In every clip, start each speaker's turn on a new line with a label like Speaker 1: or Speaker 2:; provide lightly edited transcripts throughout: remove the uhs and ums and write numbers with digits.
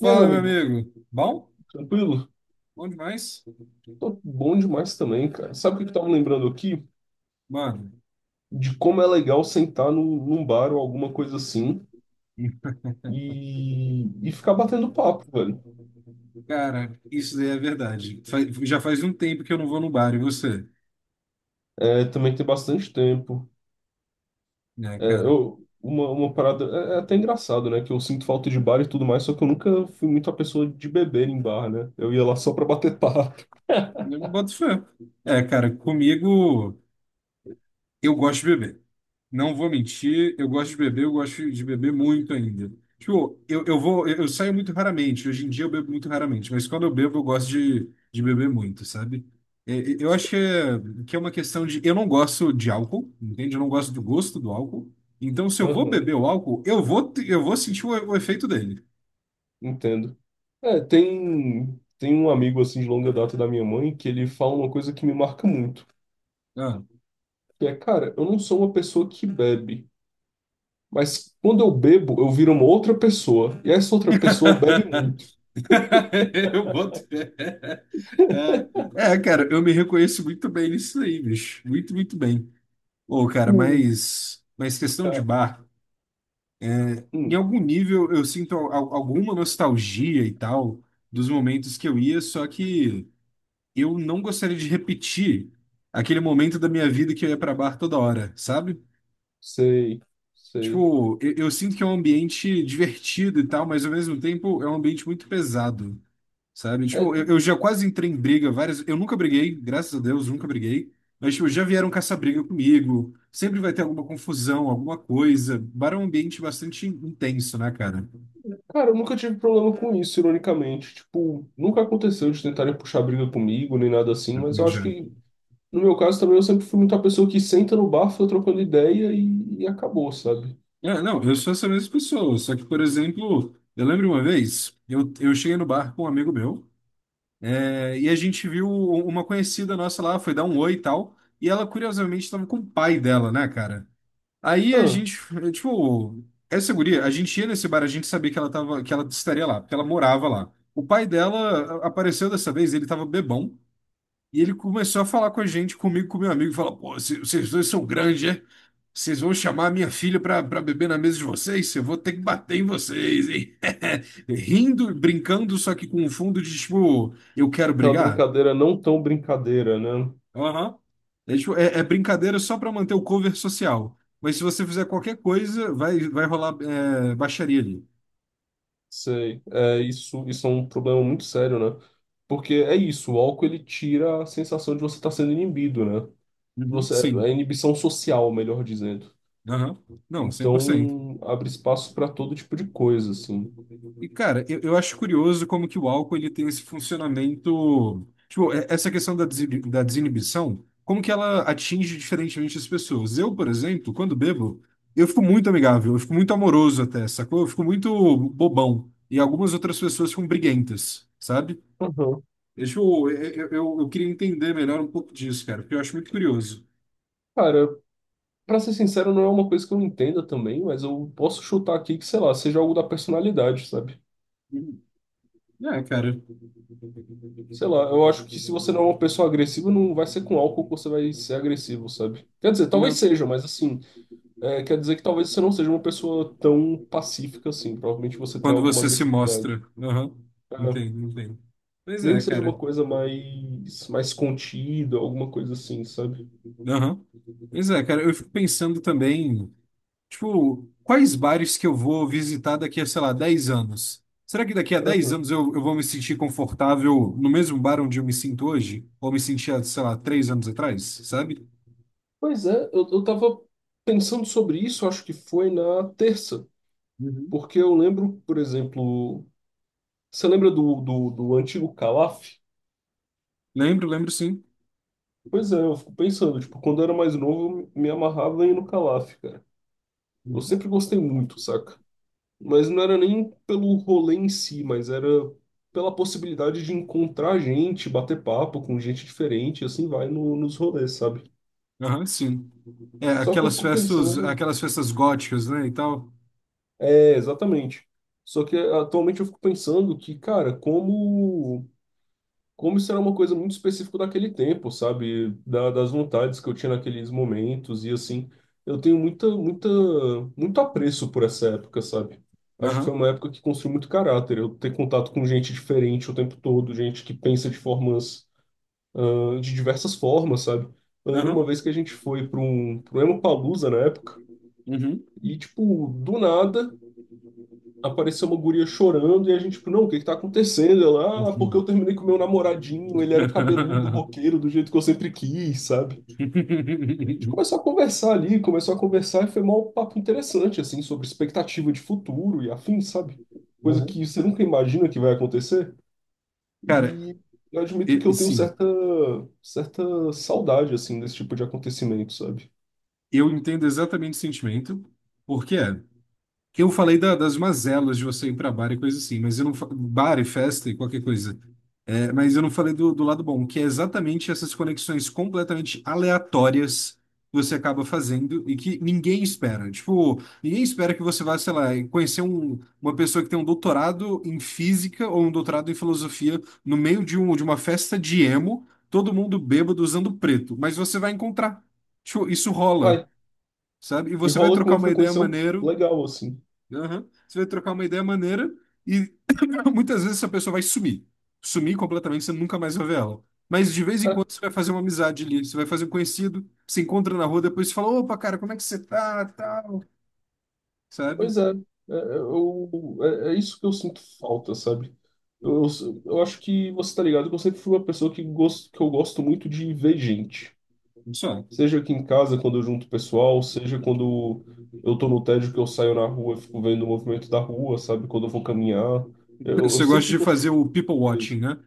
Speaker 1: E aí, meu
Speaker 2: Fala, meu
Speaker 1: amigo,
Speaker 2: amigo. Bom?
Speaker 1: tranquilo?
Speaker 2: Bom demais?
Speaker 1: Tô bom demais também, cara. Sabe o que eu tava lembrando aqui?
Speaker 2: Mano,
Speaker 1: De como é legal sentar no, num bar ou alguma coisa assim e, e ficar batendo papo, velho.
Speaker 2: cara, isso daí é verdade. Já faz um tempo que eu não vou no bar, e você?
Speaker 1: É, também tem bastante tempo.
Speaker 2: Né, cara,
Speaker 1: Uma parada. É, é até engraçado, né? Que eu sinto falta de bar e tudo mais, só que eu nunca fui muito a pessoa de beber em bar, né? Eu ia lá só pra bater papo.
Speaker 2: eu não boto fé. É, cara, comigo. Eu gosto de beber. Não vou mentir, eu gosto de beber, eu gosto de beber muito ainda. Tipo, eu saio muito raramente. Hoje em dia eu bebo muito raramente, mas quando eu bebo, eu gosto de beber muito, sabe? Eu acho que é uma questão de. Eu não gosto de álcool, entende? Eu não gosto do gosto do álcool. Então, se eu vou
Speaker 1: Aham,
Speaker 2: beber o álcool, eu vou, eu vou sentir o efeito dele.
Speaker 1: entendo. É, tem um amigo assim de longa data da minha mãe que ele fala uma coisa que me marca muito.
Speaker 2: Ah.
Speaker 1: que, é, cara, eu não sou uma pessoa que bebe, mas quando eu bebo, eu viro uma outra pessoa, e essa outra pessoa bebe muito.
Speaker 2: Eu boto fé. Cara, eu me reconheço muito bem nisso aí, bicho. Muito, muito bem. Ô, cara,
Speaker 1: Hum.
Speaker 2: mas questão de
Speaker 1: Ah,
Speaker 2: bar, em
Speaker 1: hum,
Speaker 2: algum nível eu sinto alguma nostalgia e tal dos momentos que eu ia, só que eu não gostaria de repetir aquele momento da minha vida que eu ia pra bar toda hora, sabe?
Speaker 1: sei, sei.
Speaker 2: Tipo, eu sinto que é um ambiente divertido e tal, mas ao mesmo tempo é um ambiente muito pesado. Sabe?
Speaker 1: É,
Speaker 2: Tipo, eu já quase entrei em briga várias. Eu nunca briguei, graças a Deus, nunca briguei. Mas, tipo, já vieram caçar briga comigo. Sempre vai ter alguma confusão, alguma coisa. Bar é um ambiente bastante intenso, né, cara?
Speaker 1: cara, eu nunca tive problema com isso, ironicamente. Tipo, nunca aconteceu de tentarem puxar briga comigo, nem nada assim,
Speaker 2: É,
Speaker 1: mas
Speaker 2: comigo
Speaker 1: eu acho
Speaker 2: já.
Speaker 1: que, no meu caso também, eu sempre fui muita pessoa que senta no bar, fica trocando ideia e acabou, sabe?
Speaker 2: É, não, eu sou essa mesma pessoa. Só que, por exemplo, eu lembro uma vez, eu cheguei no bar com um amigo meu, é, e a gente viu uma conhecida nossa lá, foi dar um oi e tal. E ela, curiosamente, estava com o pai dela, né, cara? Aí a
Speaker 1: Ah,
Speaker 2: gente, tipo, essa guria, a gente ia nesse bar, a gente sabia que ela tava, que ela estaria lá, porque ela morava lá. O pai dela apareceu dessa vez, ele tava bebão, e ele começou a falar com a gente, comigo, com meu amigo, e falou: Pô, vocês dois são grandes, é? Vocês vão chamar a minha filha pra beber na mesa de vocês? Eu vou ter que bater em vocês, hein? Rindo, brincando, só que com um fundo de tipo, eu quero
Speaker 1: aquela
Speaker 2: brigar.
Speaker 1: brincadeira não tão brincadeira, né?
Speaker 2: Aham. É, tipo, é brincadeira só para manter o cover social. Mas se você fizer qualquer coisa, vai rolar é, baixaria ali.
Speaker 1: Sei. É, isso é um problema muito sério, né? Porque é isso, o álcool ele tira a sensação de você estar sendo inibido, né?
Speaker 2: Uhum.
Speaker 1: Você, é
Speaker 2: Sim.
Speaker 1: inibição social, melhor dizendo.
Speaker 2: Aham. Não, 100%.
Speaker 1: Então, abre espaço para todo tipo de coisa, assim.
Speaker 2: E, cara, eu acho curioso como que o álcool ele tem esse funcionamento. Tipo, essa questão da desinibição, como que ela atinge diferentemente as pessoas. Eu, por exemplo, quando bebo, eu fico muito amigável, eu fico muito amoroso até, sacou? Eu fico muito bobão. E algumas outras pessoas ficam briguentas, sabe?
Speaker 1: Uhum.
Speaker 2: Deixa eu queria entender melhor um pouco disso, cara, porque eu acho muito curioso.
Speaker 1: Cara, pra ser sincero, não é uma coisa que eu entenda também, mas eu posso chutar aqui que, sei lá, seja algo da personalidade, sabe?
Speaker 2: Hum. É, cara.
Speaker 1: Sei lá, eu acho que se você não é uma pessoa agressiva, não vai ser com álcool que você vai ser agressivo, sabe? Quer dizer, talvez
Speaker 2: Não.
Speaker 1: seja, mas assim. É, quer dizer que talvez você não seja uma pessoa tão pacífica assim. Provavelmente você tem
Speaker 2: Quando
Speaker 1: alguma
Speaker 2: você se mostra.
Speaker 1: agressividade.
Speaker 2: Aham.
Speaker 1: É,
Speaker 2: Entendo, entendo. Pois
Speaker 1: nem
Speaker 2: é,
Speaker 1: que seja
Speaker 2: cara.
Speaker 1: uma coisa mais contida, alguma coisa assim, sabe?
Speaker 2: Aham. Pois é, cara, eu fico pensando também. Tipo, quais bares que eu vou visitar daqui a, sei lá, 10 anos? Será que daqui a dez
Speaker 1: Aham.
Speaker 2: anos eu vou me sentir confortável no mesmo bar onde eu me sinto hoje? Ou me sentia, sei lá, 3 anos atrás, sabe?
Speaker 1: Pois é, eu tava pensando sobre isso, acho que foi na terça.
Speaker 2: Uhum.
Speaker 1: Porque eu lembro, por exemplo, você lembra do antigo Calaf?
Speaker 2: Lembro, lembro sim.
Speaker 1: Pois é, eu fico pensando, tipo, quando eu era mais novo, eu me amarrava em ir no Calaf, cara. Eu
Speaker 2: Uhum.
Speaker 1: sempre gostei muito, saca? Mas não era nem pelo rolê em si, mas era pela possibilidade de encontrar gente, bater papo com gente diferente, e assim vai nos rolês, sabe?
Speaker 2: Aham, sim. É,
Speaker 1: Só que eu fico pensando,
Speaker 2: aquelas festas góticas, né, e tal.
Speaker 1: é, exatamente. Só que atualmente eu fico pensando que, cara, como isso era uma coisa muito específica daquele tempo, sabe? Das vontades que eu tinha naqueles momentos e assim, eu tenho muito apreço por essa época, sabe? Acho que foi
Speaker 2: Aham,
Speaker 1: uma época que construiu muito caráter. Eu ter contato com gente diferente o tempo todo, gente que pensa de formas, ah, de diversas formas, sabe? Eu lembro uma
Speaker 2: aham.
Speaker 1: vez que a gente foi para um Lollapalooza na época
Speaker 2: Uhum.
Speaker 1: e, tipo, do nada apareceu uma guria chorando e a gente, tipo, não, o que tá acontecendo? Ela, ah, porque
Speaker 2: Uhum.
Speaker 1: eu terminei com meu namoradinho, ele era cabeludo, roqueiro, do jeito que eu sempre quis, sabe? A gente começou a conversar ali, começou a conversar e foi mó papo interessante, assim, sobre expectativa de futuro e afins, sabe? Coisa
Speaker 2: Uhum.
Speaker 1: que você nunca imagina que vai acontecer.
Speaker 2: Cara,
Speaker 1: E eu admito que eu tenho
Speaker 2: sim,
Speaker 1: certa saudade, assim, desse tipo de acontecimento, sabe?
Speaker 2: eu entendo exatamente o sentimento, porque é. Que eu falei das mazelas de você ir para bar e coisa assim, mas eu não bar e festa e qualquer coisa. É, mas eu não falei do lado bom, que é exatamente essas conexões completamente aleatórias que você acaba fazendo e que ninguém espera. Tipo, ninguém espera que você vá, sei lá, conhecer uma pessoa que tem um doutorado em física ou um doutorado em filosofia no meio de uma festa de emo, todo mundo bêbado usando preto, mas você vai encontrar. Tipo, isso rola.
Speaker 1: Vai,
Speaker 2: Sabe? E
Speaker 1: e
Speaker 2: você vai
Speaker 1: rola com
Speaker 2: trocar
Speaker 1: uma
Speaker 2: uma ideia
Speaker 1: frequência
Speaker 2: maneira.
Speaker 1: legal, assim.
Speaker 2: Aham. Você vai trocar uma ideia maneira e muitas vezes essa pessoa vai sumir. Sumir completamente, você nunca mais vai ver ela. Mas de vez em quando você vai fazer uma amizade ali, você vai fazer um conhecido, se encontra na rua, depois você fala, opa, cara, como é que você tá, tal, sabe?
Speaker 1: Pois é, é, é, eu, é, é isso que eu sinto falta, sabe? Eu acho que você tá ligado que eu sempre fui uma pessoa que, gosto, que eu gosto muito de ver gente.
Speaker 2: Só.
Speaker 1: Seja aqui em casa, quando eu junto o pessoal, seja quando eu tô no tédio que eu saio na rua, e fico vendo o movimento da rua, sabe? Quando eu vou caminhar. Eu
Speaker 2: Você gosta
Speaker 1: sempre
Speaker 2: de
Speaker 1: gostei
Speaker 2: fazer o people
Speaker 1: disso.
Speaker 2: watching, né?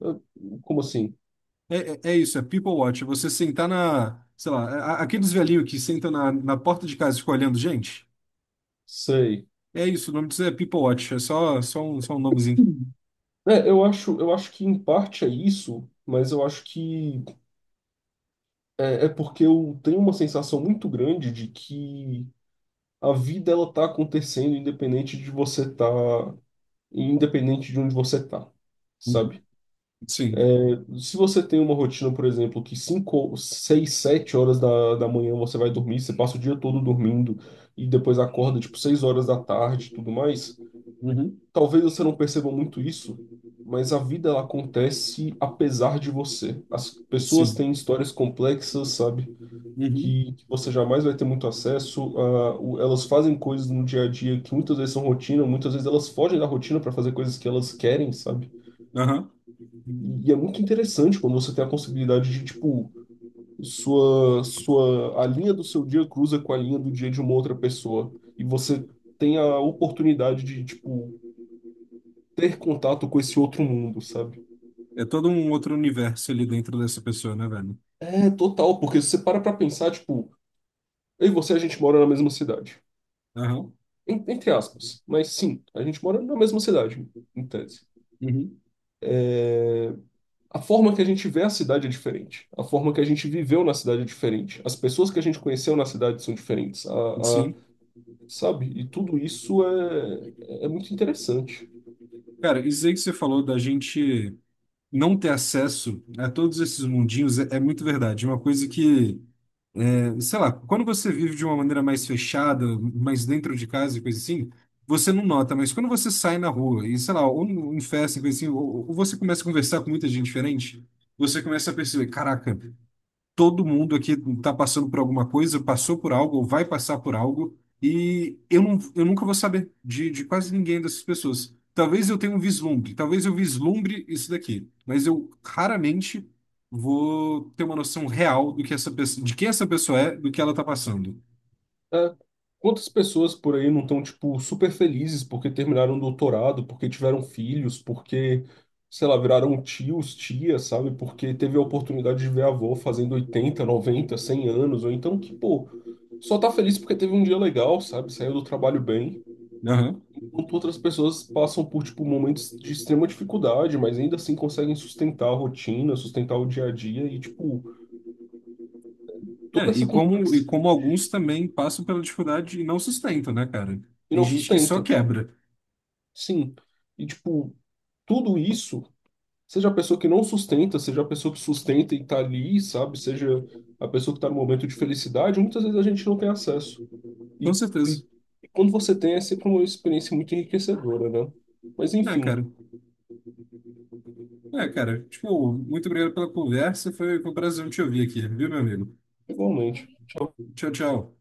Speaker 1: Eu- como assim?
Speaker 2: É, isso, é people watch. É, você sentar na, sei lá, aqueles velhinhos que sentam na porta de casa e ficam olhando gente.
Speaker 1: Sei.
Speaker 2: É isso, o nome disso é people watch, é só um nomezinho.
Speaker 1: Hum. Eu acho que em parte é isso, mas eu acho que é porque eu tenho uma sensação muito grande de que a vida ela tá acontecendo independente de você tá, independente de onde você tá,
Speaker 2: Uhum.
Speaker 1: sabe?
Speaker 2: Sim.
Speaker 1: Se você tem uma rotina, por exemplo, que 5, 6, 7 horas da manhã você vai dormir, você passa o dia todo dormindo e depois acorda tipo 6 horas da tarde e tudo mais,
Speaker 2: Uhum.
Speaker 1: talvez você não perceba muito isso, mas a vida ela acontece apesar de você. As pessoas
Speaker 2: Sim.
Speaker 1: têm histórias complexas, sabe?
Speaker 2: Uhum.
Speaker 1: Que você jamais vai ter muito acesso. A, o- elas fazem coisas no dia a dia que muitas vezes são rotina, muitas vezes elas fogem da rotina para fazer coisas que elas querem, sabe?
Speaker 2: Aham.
Speaker 1: E, é muito interessante quando você tem a possibilidade de, tipo, a linha do seu dia cruza com a linha do dia de uma outra pessoa. E você tem a oportunidade de, tipo, ter contato com esse outro mundo, sabe?
Speaker 2: É todo um outro universo ali dentro dessa pessoa, né, velho?
Speaker 1: É, total, porque se você para pra pensar, tipo, eu e você, a gente mora na mesma cidade.
Speaker 2: Aham.
Speaker 1: En- entre aspas, mas sim, a gente mora na mesma cidade, em tese.
Speaker 2: Uhum.
Speaker 1: É, a forma que a gente vê a cidade é diferente, a forma que a gente viveu na cidade é diferente, as pessoas que a gente conheceu na cidade são diferentes, a-
Speaker 2: Sim.
Speaker 1: sabe? E tudo isso é, é muito interessante.
Speaker 2: Cara, isso aí que você falou da gente não ter acesso a todos esses mundinhos é muito verdade. Uma coisa que, é, sei lá, quando você vive de uma maneira mais fechada, mais dentro de casa e coisa assim, você não nota, mas quando você sai na rua e, sei lá, ou em festa e coisa assim, ou você começa a conversar com muita gente diferente, você começa a perceber, caraca. Todo mundo aqui está passando por alguma coisa, passou por algo ou vai passar por algo, e eu, não, eu nunca vou saber de, quase ninguém dessas pessoas. Talvez eu tenha um vislumbre, talvez eu vislumbre isso daqui, mas eu raramente vou ter uma noção real do que essa pessoa, de quem essa pessoa é, do que ela está passando.
Speaker 1: É. Quantas pessoas por aí não estão, tipo, super felizes porque terminaram um doutorado, porque tiveram filhos, porque, sei lá, viraram tios, tias, sabe? Porque teve a oportunidade de ver a avó fazendo 80, 90, 100 anos, ou então que, pô, só tá feliz porque teve um dia legal, sabe? Saiu do trabalho bem.
Speaker 2: Aham.
Speaker 1: Enquanto outras pessoas passam por, tipo, momentos de extrema dificuldade, mas ainda assim conseguem sustentar a rotina, sustentar o dia a dia e, tipo,
Speaker 2: É,
Speaker 1: toda
Speaker 2: e
Speaker 1: essa
Speaker 2: como, e
Speaker 1: complexidade
Speaker 2: como alguns também passam pela dificuldade e não sustentam, né, cara?
Speaker 1: e
Speaker 2: Tem
Speaker 1: não
Speaker 2: gente que só
Speaker 1: sustenta.
Speaker 2: quebra.
Speaker 1: Sim. E, tipo, tudo isso, seja a pessoa que não sustenta, seja a pessoa que sustenta e tá ali, sabe? Seja a pessoa que tá no momento de felicidade, muitas vezes a gente não tem acesso.
Speaker 2: Com
Speaker 1: E,
Speaker 2: certeza.
Speaker 1: e quando você tem, é sempre uma experiência muito enriquecedora, né? Mas,
Speaker 2: É, cara.
Speaker 1: enfim,
Speaker 2: É, cara, tipo, muito obrigado pela conversa. Foi, um prazer te ouvir aqui, viu, meu amigo?
Speaker 1: igualmente.
Speaker 2: Tchau, tchau.